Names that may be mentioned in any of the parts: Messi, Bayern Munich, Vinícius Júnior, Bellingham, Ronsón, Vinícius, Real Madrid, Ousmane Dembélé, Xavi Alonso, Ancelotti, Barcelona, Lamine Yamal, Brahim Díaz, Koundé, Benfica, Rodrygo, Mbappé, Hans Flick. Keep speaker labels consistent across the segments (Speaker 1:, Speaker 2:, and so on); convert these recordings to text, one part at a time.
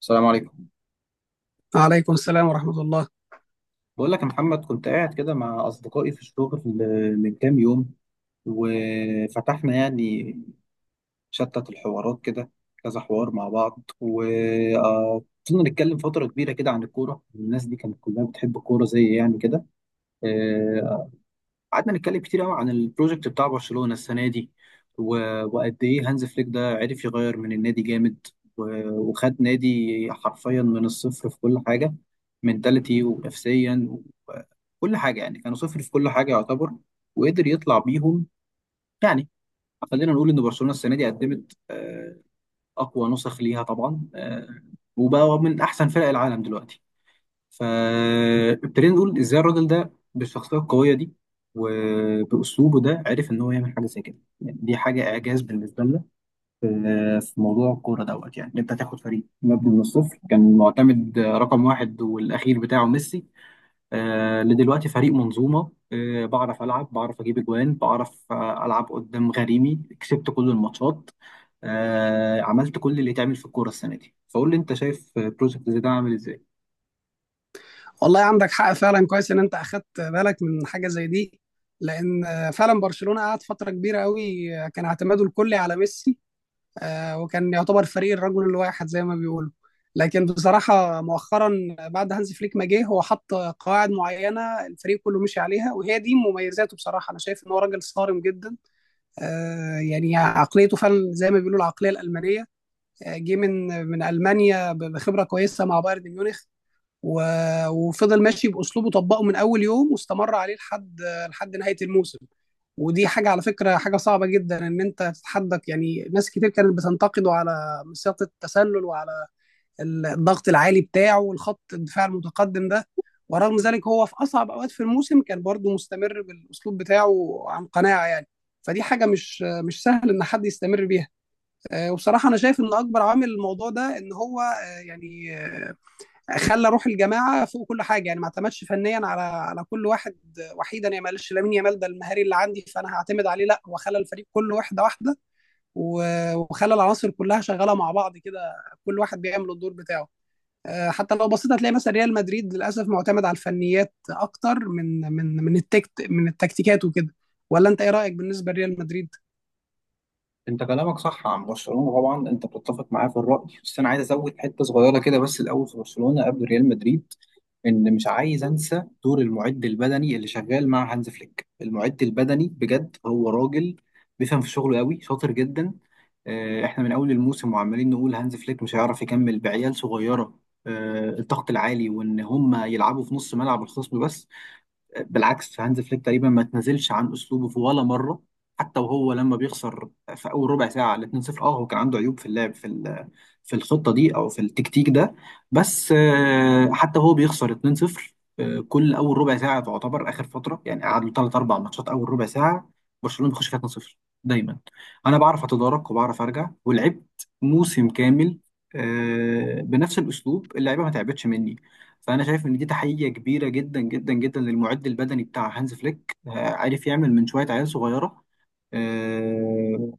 Speaker 1: السلام عليكم.
Speaker 2: عليكم السلام ورحمة الله.
Speaker 1: بقول لك يا محمد، كنت قاعد كده مع أصدقائي في الشغل من كام يوم. وفتحنا يعني شتت الحوارات كده، كذا حوار مع بعض، وفضلنا نتكلم فترة كبيرة كده عن الكورة. الناس دي كانت كلها بتحب الكورة زي يعني كده. آه، قعدنا نتكلم كتير قوي عن البروجكت بتاع برشلونة السنة دي. و... وقد ايه هانز فليك ده عرف يغير من النادي جامد. و... وخد نادي حرفيا من الصفر في كل حاجة، منتاليتي ونفسيا وكل حاجة. يعني كانوا صفر في كل حاجة يعتبر، وقدر يطلع بيهم. يعني خلينا نقول ان برشلونة السنة دي قدمت اقوى نسخ ليها طبعا، وبقى من احسن فرق العالم دلوقتي. فابتدينا نقول ازاي الراجل ده بالشخصيه القويه دي وباسلوبه ده عرف ان هو يعمل حاجه زي كده. يعني دي حاجه اعجاز بالنسبه لنا في في موضوع الكوره دوت. يعني إن انت تاخد فريق مبني من الصفر، كان معتمد رقم واحد والاخير بتاعه ميسي، لدلوقتي فريق منظومه. بعرف العب، بعرف اجيب اجوان، بعرف العب قدام غريمي، كسبت كل الماتشات. عملت كل اللي يتعمل في الكوره السنه دي. فقول لي انت شايف بروجكت زي ده عامل ازاي؟
Speaker 2: والله عندك حق فعلا، كويس ان انت اخدت بالك من حاجة زي دي. لان فعلا برشلونة قعد فترة كبيرة قوي، كان اعتماده الكلي على ميسي. وكان يعتبر فريق الرجل الواحد زي ما بيقولوا. لكن بصراحة مؤخرا، بعد هانز فليك ما جه، هو حط قواعد معينة الفريق كله مشي عليها، وهي دي مميزاته. بصراحة انا شايف ان هو راجل صارم جدا. يعني عقليته فعلا زي ما بيقولوا العقلية الألمانية. جه من ألمانيا بخبرة كويسة مع بايرن ميونخ. و... وفضل ماشي باسلوبه، طبقه من اول يوم واستمر عليه لحد نهايه الموسم. ودي حاجه على فكره، حاجه صعبه جدا ان انت تتحدك. يعني ناس كتير كانت بتنتقده على مسيره التسلل وعلى الضغط العالي بتاعه والخط الدفاع المتقدم ده. ورغم ذلك هو في اصعب اوقات في الموسم كان برضه مستمر بالاسلوب بتاعه عن قناعه. يعني فدي حاجه مش سهل ان حد يستمر بيها. وبصراحه انا شايف ان اكبر عامل الموضوع ده ان هو يعني خلى روح الجماعه فوق كل حاجه. يعني ما اعتمدش فنيا على كل واحد وحيدا. يعني ما قالش لامين يامال ده المهاري اللي عندي فانا هعتمد عليه، لا هو خلى الفريق كله واحده واحده. وخلى العناصر كلها شغاله مع بعض كده، كل واحد بيعمل الدور بتاعه. حتى لو بصيت هتلاقي مثلا ريال مدريد للاسف معتمد على الفنيات اكتر من التكتيكات وكده. ولا انت ايه رايك بالنسبه لريال مدريد؟
Speaker 1: انت كلامك صح عن برشلونه طبعا، انت بتتفق معاه في الراي، بس انا عايز ازود حته صغيره كده بس. الاول في برشلونه قبل ريال مدريد، ان مش عايز انسى دور المعد البدني اللي شغال مع هانز فليك. المعد البدني بجد هو راجل بيفهم في شغله قوي، شاطر جدا. اه، احنا من اول الموسم وعمالين نقول هانز فليك مش هيعرف يكمل بعيال صغيره. اه، الضغط العالي، وان هم يلعبوا في نص ملعب الخصم بس. بالعكس، هانز فليك تقريبا ما تنزلش عن اسلوبه في ولا مره، حتى وهو لما بيخسر في اول ربع ساعه على 2-0. اه هو كان عنده عيوب في اللعب في الخطه دي او في التكتيك ده. بس حتى هو بيخسر 2-0، كل اول ربع ساعه تعتبر اخر فتره. يعني قعد له ثلاث اربع ماتشات اول ربع ساعه برشلونه بيخش فيها 2-0 دايما. انا بعرف اتدارك وبعرف ارجع، ولعبت موسم كامل بنفس الاسلوب، اللعيبه ما تعبتش مني. فانا شايف ان دي تحيه كبيره جدا جدا جدا للمعد البدني بتاع هانز فليك. عارف يعمل من شويه عيال صغيره، آه،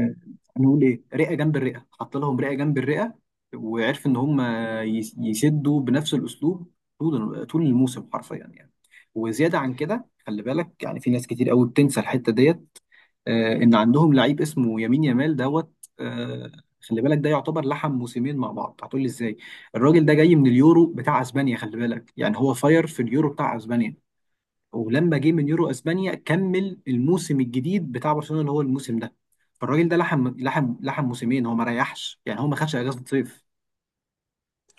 Speaker 1: آه، نقول ايه، رئه جنب الرئه. حط لهم رئه جنب الرئه، وعرف ان هم يسدوا بنفس الاسلوب طول طول الموسم حرفيا يعني. وزياده عن كده، خلي بالك يعني في ناس كتير قوي بتنسى الحته ديت. ان عندهم لعيب اسمه يمين يامال دوت. آه، خلي بالك ده يعتبر لحم موسمين مع بعض. هتقول لي ازاي؟ الراجل ده جاي من اليورو بتاع اسبانيا. خلي بالك يعني هو فاير في اليورو بتاع اسبانيا. ولما جه من يورو اسبانيا كمل الموسم الجديد بتاع برشلونة اللي هو الموسم ده. فالراجل ده لحم لحم لحم موسمين، هو ما ريحش، يعني هو ما خدش اجازة صيف.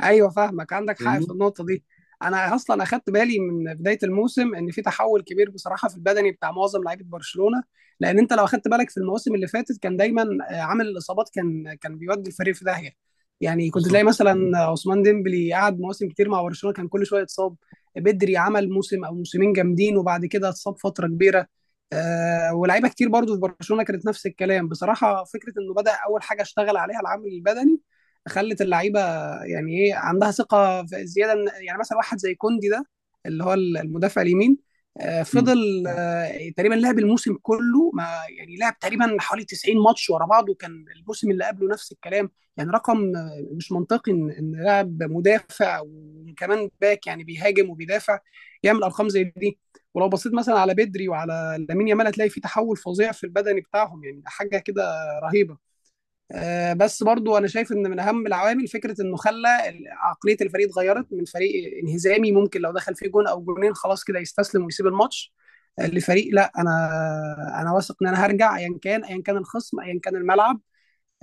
Speaker 2: ايوه، فاهمك، عندك حق في
Speaker 1: فاهمني
Speaker 2: النقطه دي. انا اصلا اخدت بالي من بدايه الموسم ان في تحول كبير بصراحه في البدني بتاع معظم لعيبه برشلونه. لان انت لو اخدت بالك في المواسم اللي فاتت، كان دايما عامل الاصابات كان بيودي الفريق في داهيه. يعني كنت تلاقي
Speaker 1: بالظبط.
Speaker 2: مثلا عثمان ديمبلي قعد مواسم كتير مع برشلونه كان كل شويه اتصاب. بدري عمل موسم او موسمين جامدين وبعد كده اتصاب فتره كبيره. ولاعيبه كتير برضو في برشلونه كانت نفس الكلام بصراحه. فكره انه بدا اول حاجه اشتغل عليها العامل البدني، خلت اللعيبه يعني ايه عندها ثقه زياده يعني مثلا واحد زي كوندي ده، اللي هو المدافع اليمين. فضل تقريبا لعب الموسم كله ما يعني، لعب تقريبا حوالي 90 ماتش ورا بعض. وكان الموسم اللي قبله نفس الكلام. يعني رقم مش منطقي إن لاعب مدافع وكمان باك يعني بيهاجم وبيدافع يعمل ارقام زي دي. ولو بصيت مثلا على بدري وعلى لامين يامال، هتلاقي في تحول فظيع في البدني بتاعهم. يعني حاجه كده رهيبه. بس برضو انا شايف ان من اهم العوامل فكره انه خلى عقليه الفريق اتغيرت من فريق انهزامي ممكن لو دخل فيه جون او جونين خلاص كده يستسلم ويسيب الماتش، لفريق لا. انا انا واثق ان انا هرجع ايا كان، ايا كان الخصم، ايا كان الملعب،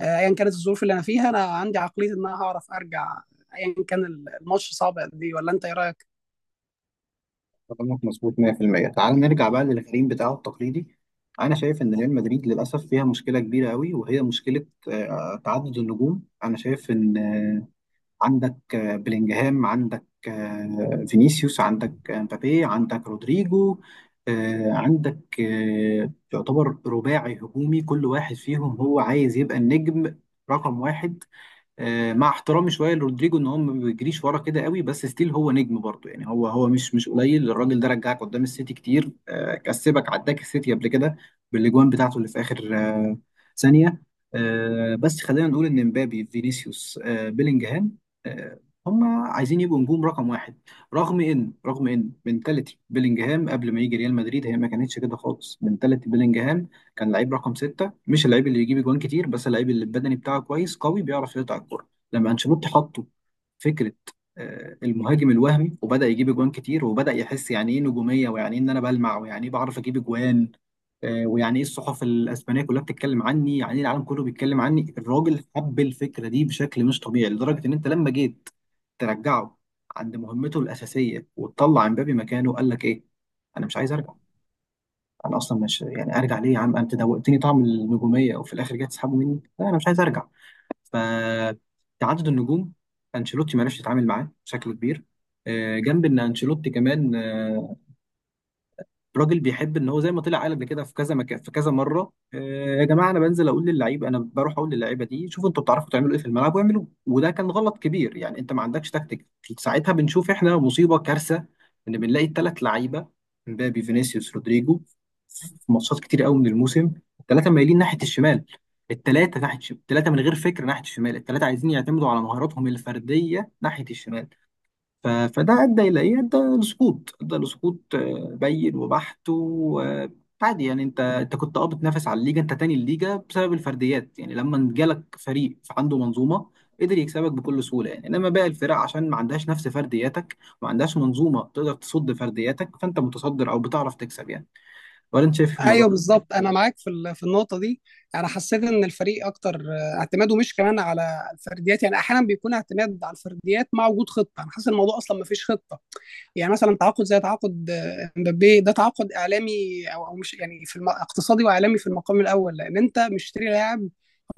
Speaker 2: ايا كانت الظروف اللي انا فيها. انا عندي عقليه ان انا هعرف ارجع ايا كان الماتش صعب قد ايه. ولا انت ايه رايك؟
Speaker 1: كلامك مظبوط 100%. تعال نرجع بقى للغريم بتاعه التقليدي. انا شايف ان ريال مدريد للاسف فيها مشكله كبيره قوي، وهي مشكله تعدد النجوم. انا شايف ان عندك بلينجهام، عندك فينيسيوس، عندك مبابي، عندك رودريجو. عندك يعتبر رباعي هجومي، كل واحد فيهم هو عايز يبقى النجم رقم واحد. مع احترامي شويه لرودريجو ان هو ما بيجريش ورا كده قوي، بس ستيل هو نجم برضه. يعني هو مش قليل، الراجل ده رجعك قدام السيتي كتير. كسبك عداك السيتي قبل كده بالاجوان بتاعته اللي في اخر ثانيه. بس خلينا نقول ان مبابي، فينيسيوس، بيلينجهام، آه، هم عايزين يبقوا نجوم رقم واحد، رغم ان منتاليتي بيلينجهام قبل ما يجي ريال مدريد هي ما كانتش كده خالص. منتاليتي بيلينجهام كان لعيب رقم ستة، مش اللعيب اللي يجيب اجوان كتير، بس اللعيب اللي البدني بتاعه كويس قوي، بيعرف يقطع الكرة. لما انشيلوتي حطه فكرة المهاجم الوهمي، وبدأ يجيب اجوان كتير وبدأ يحس يعني ايه نجومية، ويعني ايه ان انا بلمع، ويعني ايه بعرف اجيب اجوان، ويعني ايه الصحف الاسبانية كلها بتتكلم عني، يعني ايه العالم كله بيتكلم عني. الراجل حب الفكرة دي بشكل مش طبيعي، لدرجة ان انت لما جيت ترجعه عند مهمته الأساسية وتطلع امبابي مكانه، قال لك ايه؟ انا مش عايز ارجع. انا اصلا مش يعني ارجع ليه يا عم؟ انت دوقتني طعم النجوميه وفي الاخر جاي تسحبه مني؟ لا، انا مش عايز ارجع. فتعدد النجوم انشيلوتي ما عرفش يتعامل معاه بشكل كبير. جنب ان انشيلوتي كمان راجل بيحب ان هو زي ما طلع قال قبل كده في كذا مكان، في كذا مره، يا جماعه انا بنزل اقول للعيب، انا بروح اقول للعيبه دي شوفوا انتوا بتعرفوا تعملوا ايه في الملعب واعملوه. وده كان غلط كبير. يعني انت ما عندكش تكتيك. ساعتها بنشوف احنا مصيبه كارثه، ان بنلاقي الثلاث لعيبه مبابي، فينيسيوس، رودريجو في ماتشات كتير قوي من الموسم الثلاثه مايلين ناحيه الشمال، الثلاثه ناحيه الشمال، الثلاثه من غير فكر ناحيه الشمال، الثلاثه عايزين يعتمدوا على مهاراتهم الفرديه ناحيه الشمال. فده ادى الى ايه؟ ادى لسقوط، ادى لسقوط بين وبحت وعادي. يعني انت كنت بتنافس على الليجا، انت تاني الليجا بسبب الفرديات. يعني لما جالك فريق عنده منظومه قدر يكسبك بكل سهوله. يعني انما باقي الفرق عشان ما عندهاش نفس فردياتك وما عندهاش منظومه تقدر تصد فردياتك، فانت متصدر او بتعرف تكسب يعني. ولا انت شايف إيه في الموضوع
Speaker 2: ايوه
Speaker 1: ده؟
Speaker 2: بالظبط، انا معاك في النقطه دي. انا حسيت ان الفريق اكتر اعتماده مش كمان على الفرديات. يعني احيانا بيكون اعتماد على الفرديات مع وجود خطه، انا حاسس الموضوع اصلا ما فيش خطه. يعني مثلا تعاقد زي تعاقد امبابي ده تعاقد اعلامي او مش يعني اقتصادي واعلامي في المقام الاول. لان انت مشتري لاعب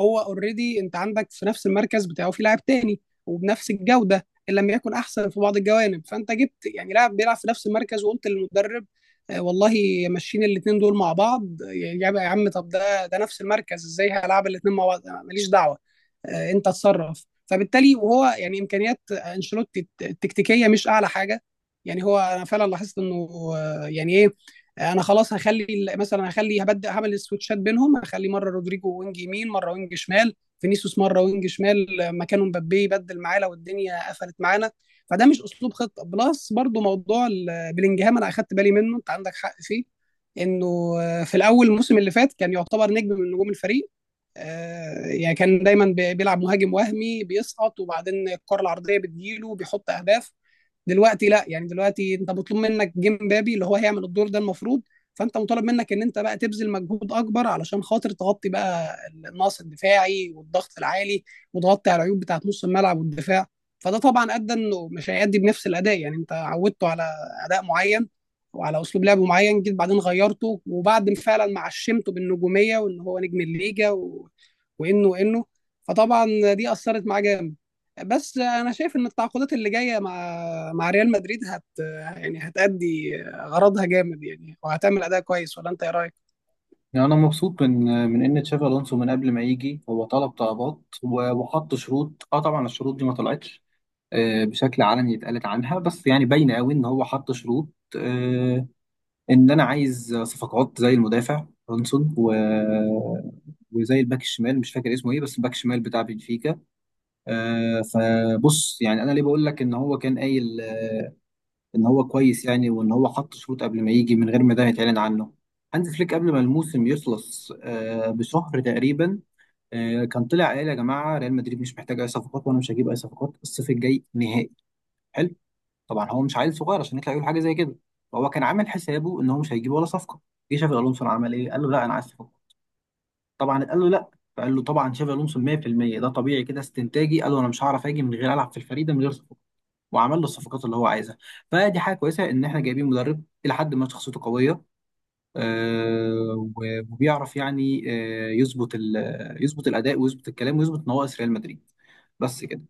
Speaker 2: هو اوريدي، انت عندك في نفس المركز بتاعه في لاعب تاني وبنفس الجوده ان لم يكن احسن في بعض الجوانب. فانت جبت يعني لاعب بيلعب في نفس المركز، وقلت للمدرب والله ماشيين الاثنين دول مع بعض. يعني يا عم، طب ده نفس المركز، ازاي هلعب الاثنين مع بعض؟ ماليش دعوه، انت اتصرف. فبالتالي وهو يعني امكانيات انشيلوتي التكتيكيه مش اعلى حاجه. يعني هو انا فعلا لاحظت انه يعني ايه، انا خلاص هخلي مثلا هخلي هبدا هعمل السويتشات بينهم. هخلي مره رودريجو وينج يمين مره وينج شمال، فينيسيوس مره وينج شمال مكانه، مبابي يبدل معاه لو الدنيا قفلت معانا. فده مش اسلوب خطه بلس. برضو موضوع بلينجهام، انا اخدت بالي منه، انت عندك حق فيه، انه في الاول الموسم اللي فات كان يعتبر نجم من نجوم الفريق. يعني كان دايما بيلعب مهاجم وهمي بيسقط وبعدين الكره العرضيه بتجيله بيحط اهداف. دلوقتي لا، يعني دلوقتي انت مطلوب منك جيم بابي اللي هو هيعمل الدور ده المفروض. فانت مطالب منك ان انت بقى تبذل مجهود اكبر علشان خاطر تغطي بقى النقص الدفاعي والضغط العالي، وتغطي على العيوب بتاعت نص الملعب والدفاع. فده طبعا ادى انه مش هيأدي بنفس الاداء. يعني انت عودته على اداء معين وعلى اسلوب لعب معين، جيت بعدين غيرته. وبعد فعلا ما عشمته بالنجوميه وان هو نجم الليجا و... وانه وانه فطبعا دي اثرت معاه جامد. بس انا شايف ان التعاقدات اللي جايه مع ريال مدريد يعني هتأدي غرضها جامد. يعني وهتعمل اداء كويس. ولا انت ايه رايك؟
Speaker 1: يعني أنا مبسوط من إن تشافي ألونسو من قبل ما يجي هو طلب طلبات وحط شروط. أه طبعا الشروط دي ما طلعتش بشكل علني اتقالت عنها، بس يعني باينه قوي ان هو حط شروط. آه، ان انا عايز صفقات زي المدافع رونسون وزي الباك الشمال، مش فاكر اسمه ايه بس الباك الشمال بتاع بنفيكا. فبص، يعني انا ليه بقول لك ان هو كان قايل ان هو كويس، يعني وان هو حط شروط قبل ما يجي من غير ما ده يتعلن عنه. هانز فليك قبل ما الموسم يخلص بشهر تقريبا كان طلع قال يا جماعه ريال مدريد مش محتاج اي صفقات وانا مش هجيب اي صفقات الصيف الجاي نهائي. طبعا هو مش عيل صغير عشان يطلع يقول حاجه زي كده. فهو كان عامل حسابه ان هو مش هيجيب ولا صفقه. جه شافي الونسو عمل ايه؟ قال له لا، انا عايز صفقه. طبعا قال له لا. فقال له، طبعا شافي الونسو 100% ده طبيعي كده استنتاجي، قال له انا مش هعرف اجي من غير العب في الفريق ده من غير صفقه. وعمل له الصفقات اللي هو عايزها. فدي حاجه كويسه ان احنا جايبين مدرب الى حد ما شخصيته قويه، وبيعرف يعني يظبط يظبط الاداء ويظبط الكلام ويظبط نواقص ريال مدريد، بس كده.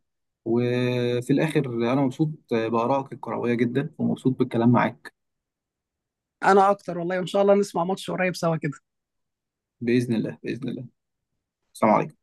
Speaker 1: وفي الاخر، انا مبسوط بارائك الكرويه جدا ومبسوط بالكلام معاك.
Speaker 2: انا اكتر والله، وان شاء الله نسمع ماتش قريب سوا كده.
Speaker 1: باذن الله، باذن الله. السلام عليكم.